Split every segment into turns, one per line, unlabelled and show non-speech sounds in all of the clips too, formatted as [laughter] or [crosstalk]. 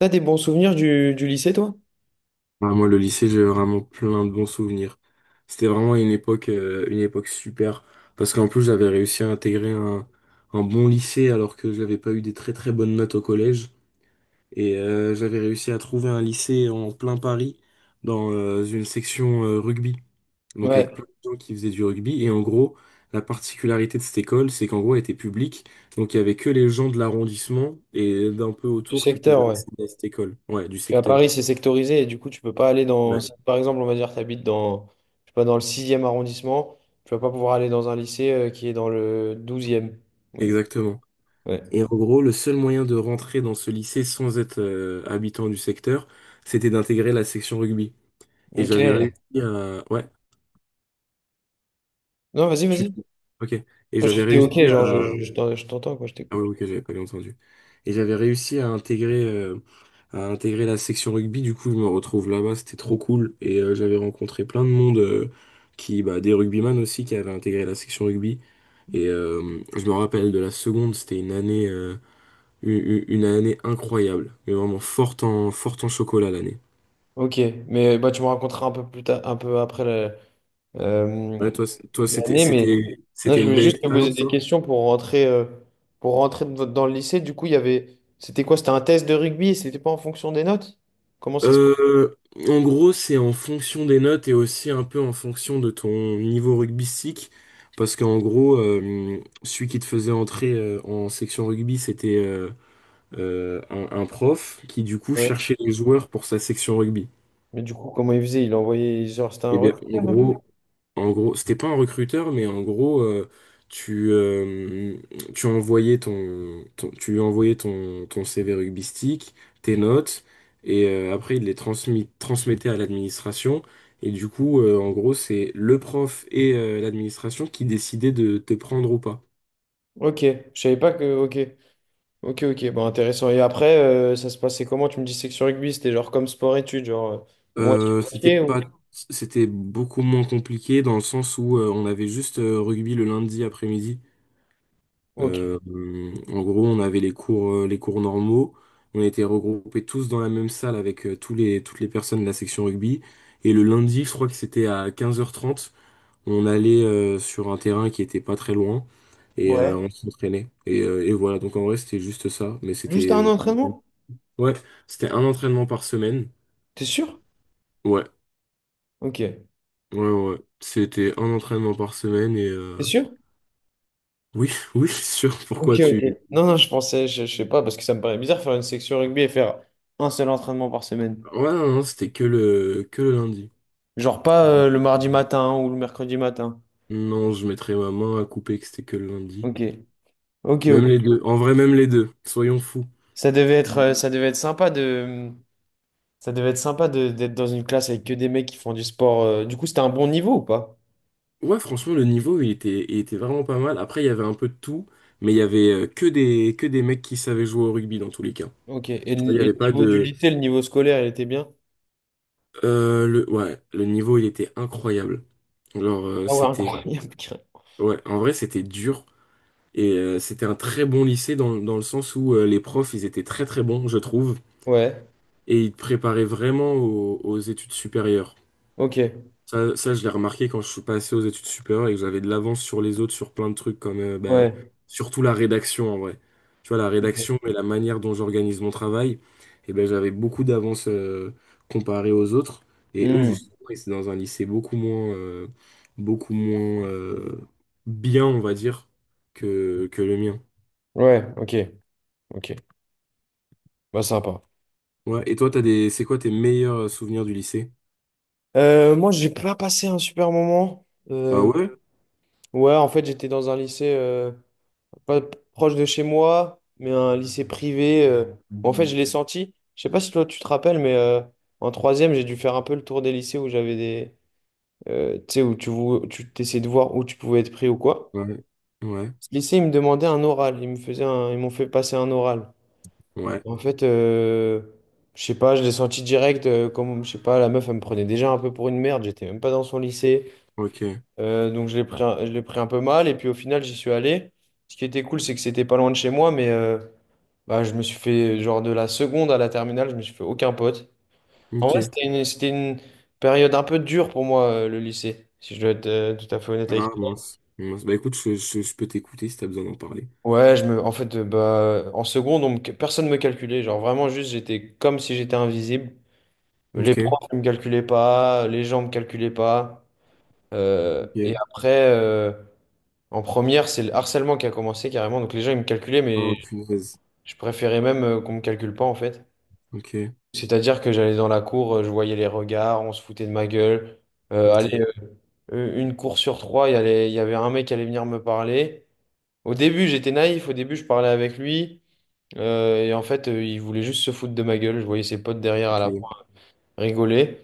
T'as des bons souvenirs du lycée, toi?
Ah, moi, le lycée, j'ai vraiment plein de bons souvenirs. C'était vraiment une époque super. Parce qu'en plus, j'avais réussi à intégrer un bon lycée alors que je n'avais pas eu des très très bonnes notes au collège. Et j'avais réussi à trouver un lycée en plein Paris dans une section rugby. Donc avec
Ouais,
plein de gens qui faisaient du rugby. Et en gros, la particularité de cette école, c'est qu'en gros, elle était publique. Donc il y avait que les gens de l'arrondissement et d'un peu
du
autour qui
secteur,
pouvaient
ouais.
accéder à cette école. Ouais, du
Puis à
secteur.
Paris, c'est sectorisé et du coup, tu peux pas aller dans.
Ouais,
Si, par exemple, on va dire que tu habites dans, je sais pas, dans le sixième arrondissement, tu vas pas pouvoir aller dans un lycée qui est dans le douzième.
exactement.
Ouais.
Et en gros, le seul moyen de rentrer dans ce lycée sans être habitant du secteur, c'était d'intégrer la section rugby. Et
Ok.
j'avais réussi à. Ouais,
Non, vas-y,
tu.
vas-y.
Ok. Et
Non,
j'avais
j'étais
réussi
ok, genre,
à.
je t'entends, quoi, je
Ah
t'écoute.
ouais, ok, j'avais pas bien entendu. Et j'avais réussi à intégrer la section rugby. Du coup, je me retrouve là-bas, c'était trop cool. Et j'avais rencontré plein de monde, qui, bah, des rugbyman aussi qui avaient intégré la section rugby. Et je me rappelle de la seconde, c'était une année. Une année incroyable, mais vraiment forte en chocolat l'année.
Ok, mais bah, tu me raconteras un peu plus tard, un peu après euh,
Ouais, toi, toi c'était,
l'année, mais
c'était,
non,
c'était
je
une
voulais
belle
juste te poser
expérience.
des questions pour rentrer dans le lycée. Du coup, il y avait, c'était quoi? C'était un test de rugby et c'était pas en fonction des notes? Comment ça se...
Euh, en gros, c'est en fonction des notes et aussi un peu en fonction de ton niveau rugbystique. Parce qu'en gros, celui qui te faisait entrer en section rugby, c'était un prof qui, du coup,
Ouais.
cherchait les joueurs pour sa section rugby.
Mais du coup, comment il faisait? Il envoyait, genre, c'était un
Et bien, en
recruteur un peu.
gros, En gros, c'était pas un recruteur, mais en gros, tu, euh, tu lui envoyais ton CV rugbystique, tes notes, et après, il les transmettait à l'administration. Et du coup, en gros, c'est le prof et l'administration qui décidaient de te prendre ou pas.
Ok, je savais pas que... Ok, ok, ok, bon, intéressant. Et après, ça se passait comment? Tu me disais que sur rugby, c'était genre comme sport-études, genre
Euh, c'était
moitié-moitié
pas,
ou...
c'était beaucoup moins compliqué dans le sens où on avait juste rugby le lundi après-midi. Euh,
Ok.
en gros, on avait les cours normaux. On était regroupés tous dans la même salle avec toutes les personnes de la section rugby. Et le lundi, je crois que c'était à 15h30. On allait sur un terrain qui était pas très loin et
Ouais.
on s'entraînait. Et voilà, donc en vrai, c'était juste ça. Mais c'était
Juste un entraînement?
ouais, c'était un entraînement par semaine.
T'es sûr?
Ouais,
Ok. T'es
ouais, ouais. C'était un entraînement par semaine et
sûr?
oui, [laughs] oui, sûr.
Ok,
Pourquoi
ok.
tu.
Non, non, je pensais, je sais pas, parce que ça me paraît bizarre faire une section rugby et faire un seul entraînement par semaine.
Ouais, non, non, c'était que le lundi.
Genre pas le mardi matin ou le mercredi matin.
Non, je mettrais ma main à couper que c'était que le lundi.
Ok, ok,
Même
ok.
les deux. En vrai, même les deux. Soyons fous.
Ça devait être sympa de, ça devait être d'être dans une classe avec que des mecs qui font du sport. Du coup, c'était un bon niveau ou pas?
Ouais, franchement, le niveau, il était vraiment pas mal. Après, il y avait un peu de tout, mais il y avait que des mecs qui savaient jouer au rugby dans tous les cas.
Ok.
Il n'y
Et le
avait pas
niveau du
de.
lycée, le niveau scolaire, il était bien?
Ouais, le niveau, il était incroyable. Alors,
Ah ouais,
c'était.
incroyable.
Ouais, en vrai, c'était dur. Et c'était un très bon lycée dans le sens où les profs, ils étaient très très bons, je trouve.
[laughs] Ouais.
Et ils te préparaient vraiment aux études supérieures.
Ok.
Ça, je l'ai remarqué quand je suis passé aux études supérieures et que j'avais de l'avance sur les autres sur plein de trucs comme
Ouais.
surtout la rédaction en vrai. Tu vois, la
Ok.
rédaction et la manière dont j'organise mon travail, et ben, j'avais beaucoup d'avance comparé aux autres. Et eux,
Hmm.
justement, ils étaient dans un lycée beaucoup moins, beaucoup moins euh, bien, on va dire, que le mien.
Ouais. Ok. Ok. Bah sympa.
Ouais. Et toi, t'as des. C'est quoi tes meilleurs souvenirs du lycée?
Moi, j'ai pas passé un super moment.
Ah
Euh,
ouais?
ouais, en fait, j'étais dans un lycée pas proche de chez moi, mais un lycée privé. Où, en fait, je l'ai senti. Je sais pas si toi tu te rappelles, mais en troisième, j'ai dû faire un peu le tour des lycées où j'avais des, tu sais, où tu t'essayais de voir où tu pouvais être pris ou quoi.
Ouais. Ouais.
Ce lycée, ils me demandaient un oral. Ils me faisaient ils m'ont fait passer un oral.
Ouais.
En fait, je sais pas, je l'ai senti direct. Comme, je sais pas, la meuf, elle me prenait déjà un peu pour une merde. J'étais même pas dans son lycée.
Ok.
Donc je l'ai je l'ai pris un peu mal et puis au final j'y suis allé. Ce qui était cool c'est que c'était pas loin de chez moi mais bah, je me suis fait genre de la seconde à la terminale je me suis fait aucun pote. En vrai
Ok.
c'était c'était une période un peu dure pour moi le lycée si je dois être tout à fait honnête avec
Ah
toi.
mince, mince. Bah écoute, je peux t'écouter si t'as besoin d'en parler.
Ouais je me en fait bah en seconde personne me calculait genre vraiment juste j'étais comme si j'étais invisible. Les
Ok,
profs ne me calculaient pas les gens me calculaient pas. Et
ok.
après en première, c'est le harcèlement qui a commencé carrément. Donc les gens, ils me calculaient,
Oh
mais
punaise.
je préférais même qu'on me calcule pas en fait.
Ok,
C'est-à-dire que j'allais dans la cour, je voyais les regards, on se foutait de ma gueule. Allez,
ok,
une cour sur trois, il y avait un mec qui allait venir me parler. Au début, j'étais naïf. Au début, je parlais avec lui. Et en fait, il voulait juste se foutre de ma gueule. Je voyais ses potes derrière à
ok.
la fois rigoler.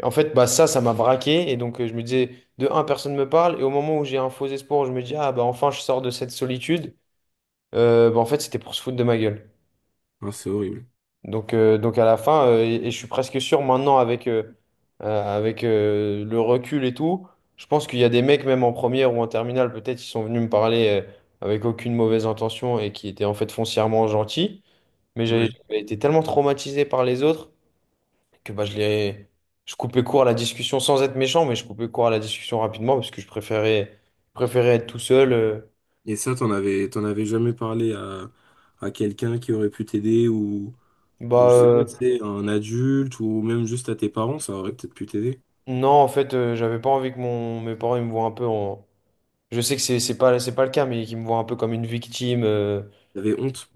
Et en fait, bah ça, ça m'a braqué. Et donc, je me disais, de un, personne me parle. Et au moment où j'ai un faux espoir, je me dis, ah bah enfin, je sors de cette solitude. Bah, en fait, c'était pour se foutre de ma gueule.
Ah c'est horrible.
Donc à la fin, et je suis presque sûr maintenant avec, le recul et tout, je pense qu'il y a des mecs, même en première ou en terminale, peut-être, qui sont venus me parler avec aucune mauvaise intention et qui étaient en fait foncièrement gentils. Mais
Ouais.
j'avais été tellement traumatisé par les autres que bah, je les... je coupais court à la discussion sans être méchant, mais je coupais court à la discussion rapidement parce que préférais être tout seul.
Et ça, t'en avais jamais parlé à quelqu'un qui aurait pu t'aider ou
Bah,
je sais pas,
euh,
c'est un adulte ou même juste à tes parents, ça aurait peut-être pu t'aider.
Non, en fait, j'avais pas envie que mes parents ils me voient un peu en. Je sais que c'est pas le cas, mais qu'ils me voient un peu comme une victime.
T'avais honte.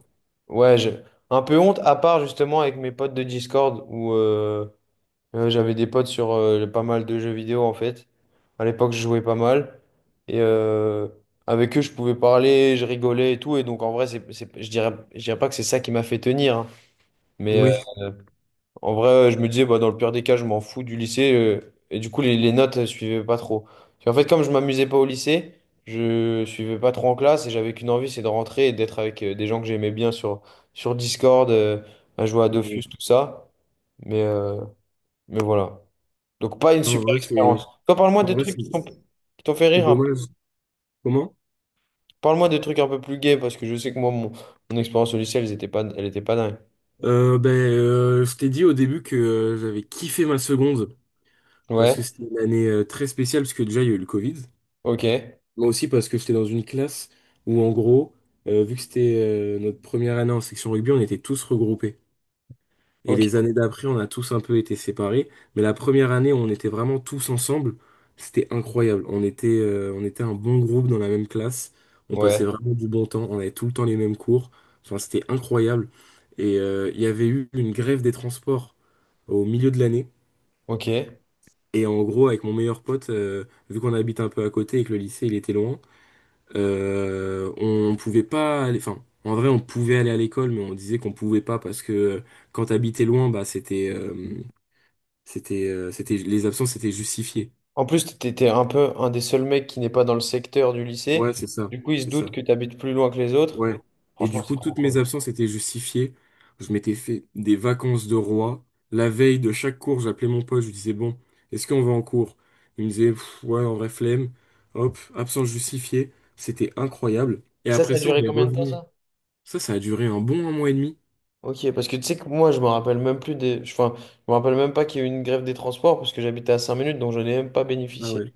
Ouais, je- un peu honte, à part justement avec mes potes de Discord, où j'avais des potes sur pas mal de jeux vidéo, en fait. À l'époque, je jouais pas mal. Et avec eux, je pouvais parler, je rigolais et tout. Et donc, en vrai, je dirais pas que c'est ça qui m'a fait tenir. Hein, mais,
Oui.
euh, en vrai, je me disais, bah, dans le pire des cas, je m'en fous du lycée. Et du coup, les notes, je suivaient pas trop. Puis en fait, comme je m'amusais pas au lycée, je suivais pas trop en classe et j'avais qu'une envie, c'est de rentrer et d'être avec des gens que j'aimais bien sur Discord, à jouer à Dofus,
Ouais.
tout ça. Mais, euh, mais voilà. Donc, pas une
Non, en
super
vrai,
expérience. Toi, parle-moi
en
de
vrai,
trucs
c'est
qui t'ont qui t'ont fait
c'est
rire un peu.
dommage. Comment?
Parle-moi de trucs un peu plus gays parce que je sais que moi, mon expérience au lycée, elle était pas dingue.
Je t'ai dit au début que j'avais kiffé ma seconde. Parce que
Ouais,
c'était une année très spéciale, parce que déjà il y a eu le Covid,
ok,
mais aussi parce que j'étais dans une classe où en gros, vu que c'était notre première année en section rugby, on était tous regroupés. Et les
ok,
années d'après, on a tous un peu été séparés, mais la première année où on était vraiment tous ensemble, c'était incroyable. On était, on était un bon groupe dans la même classe, on passait
ouais,
vraiment du bon temps, on avait tout le temps les mêmes cours, enfin c'était incroyable. Et il y avait eu une grève des transports au milieu de l'année.
ok.
Et en gros, avec mon meilleur pote, vu qu'on habite un peu à côté et que le lycée il était loin, on pouvait pas aller. Enfin, en vrai, on pouvait aller à l'école, mais on disait qu'on pouvait pas parce que quand t'habitais loin, bah c'était les absences étaient justifiées.
En plus, t'étais un peu un des seuls mecs qui n'est pas dans le secteur du
Ouais,
lycée.
c'est ça,
Du coup, ils se
c'est
doutent
ça.
que t'habites plus loin que les autres.
Ouais. Et
Franchement,
du
c'est
coup,
trop
toutes mes
cool.
absences étaient justifiées. Je m'étais fait des vacances de roi. La veille de chaque cours, j'appelais mon pote, je lui disais, bon, est-ce qu'on va en cours? Il me disait, pff, ouais, en vrai, flemme. Hop, absence justifiée. C'était incroyable. Et
Et ça
après
a
ça, on
duré
est
combien de temps,
revenu.
ça?
Ça a duré un bon un mois et demi.
Ok, parce que tu sais que moi, je me rappelle même plus des... Enfin, je me rappelle même pas qu'il y a eu une grève des transports parce que j'habitais à 5 minutes, donc je n'ai même pas
Ah
bénéficié.
ouais.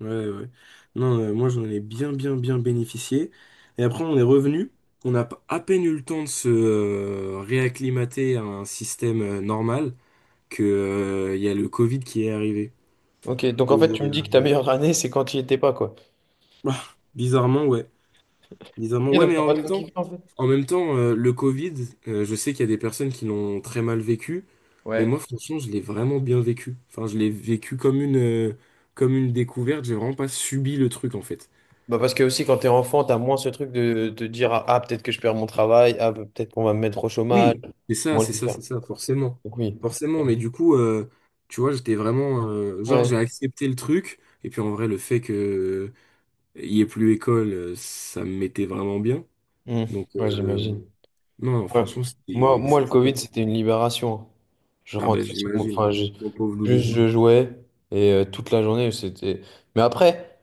Ouais, ouais. Non, moi, j'en ai bien, bien, bien bénéficié. Et après, on est revenu. On a à peine eu le temps de se réacclimater à un système normal, que, il y a le Covid qui est arrivé.
Ok, donc en
Et,
fait, tu me dis que ta meilleure année, c'est quand tu n'y étais pas, quoi.
[laughs] bah, bizarrement, ouais.
Ok,
Bizarrement, ouais,
donc
mais
t'as
en
pas
même
trop
temps,
kiffé, en fait.
en même temps, le Covid, je sais qu'il y a des personnes qui l'ont très mal vécu, mais
Ouais.
moi, franchement, je l'ai vraiment bien vécu. Enfin, je l'ai vécu comme une découverte. J'ai vraiment pas subi le truc, en fait.
Bah parce que aussi, quand t'es enfant, t'as moins ce truc de te dire, ah, ah, peut-être que je perds mon travail, ah, peut-être qu'on va me mettre au chômage,
Oui, c'est ça,
comment
c'est
le
ça,
faire?
c'est ça, forcément.
Donc oui.
Forcément, mais du coup, tu vois, j'étais vraiment. Genre,
Ouais.
j'ai accepté le truc, et puis en vrai, le fait que il y ait plus école, ça me mettait vraiment bien.
Mm.
Donc,
Ouais, j'imagine.
non,
Ouais.
franchement,
Moi,
c'était
moi, le
c'était
Covid,
top.
c'était une libération. Hein. Je
Ah ben,
rentrais sur mon-
j'imagine.
Enfin, je-
Mon pauvre loulou.
juste je jouais et toute la journée, c'était... Mais après,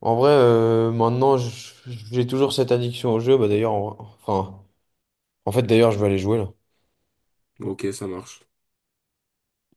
en vrai, maintenant, je- j'ai toujours cette addiction au jeu. Bah, d'ailleurs, en... enfin, en fait, d'ailleurs, je vais aller jouer là.
Ok, ça marche.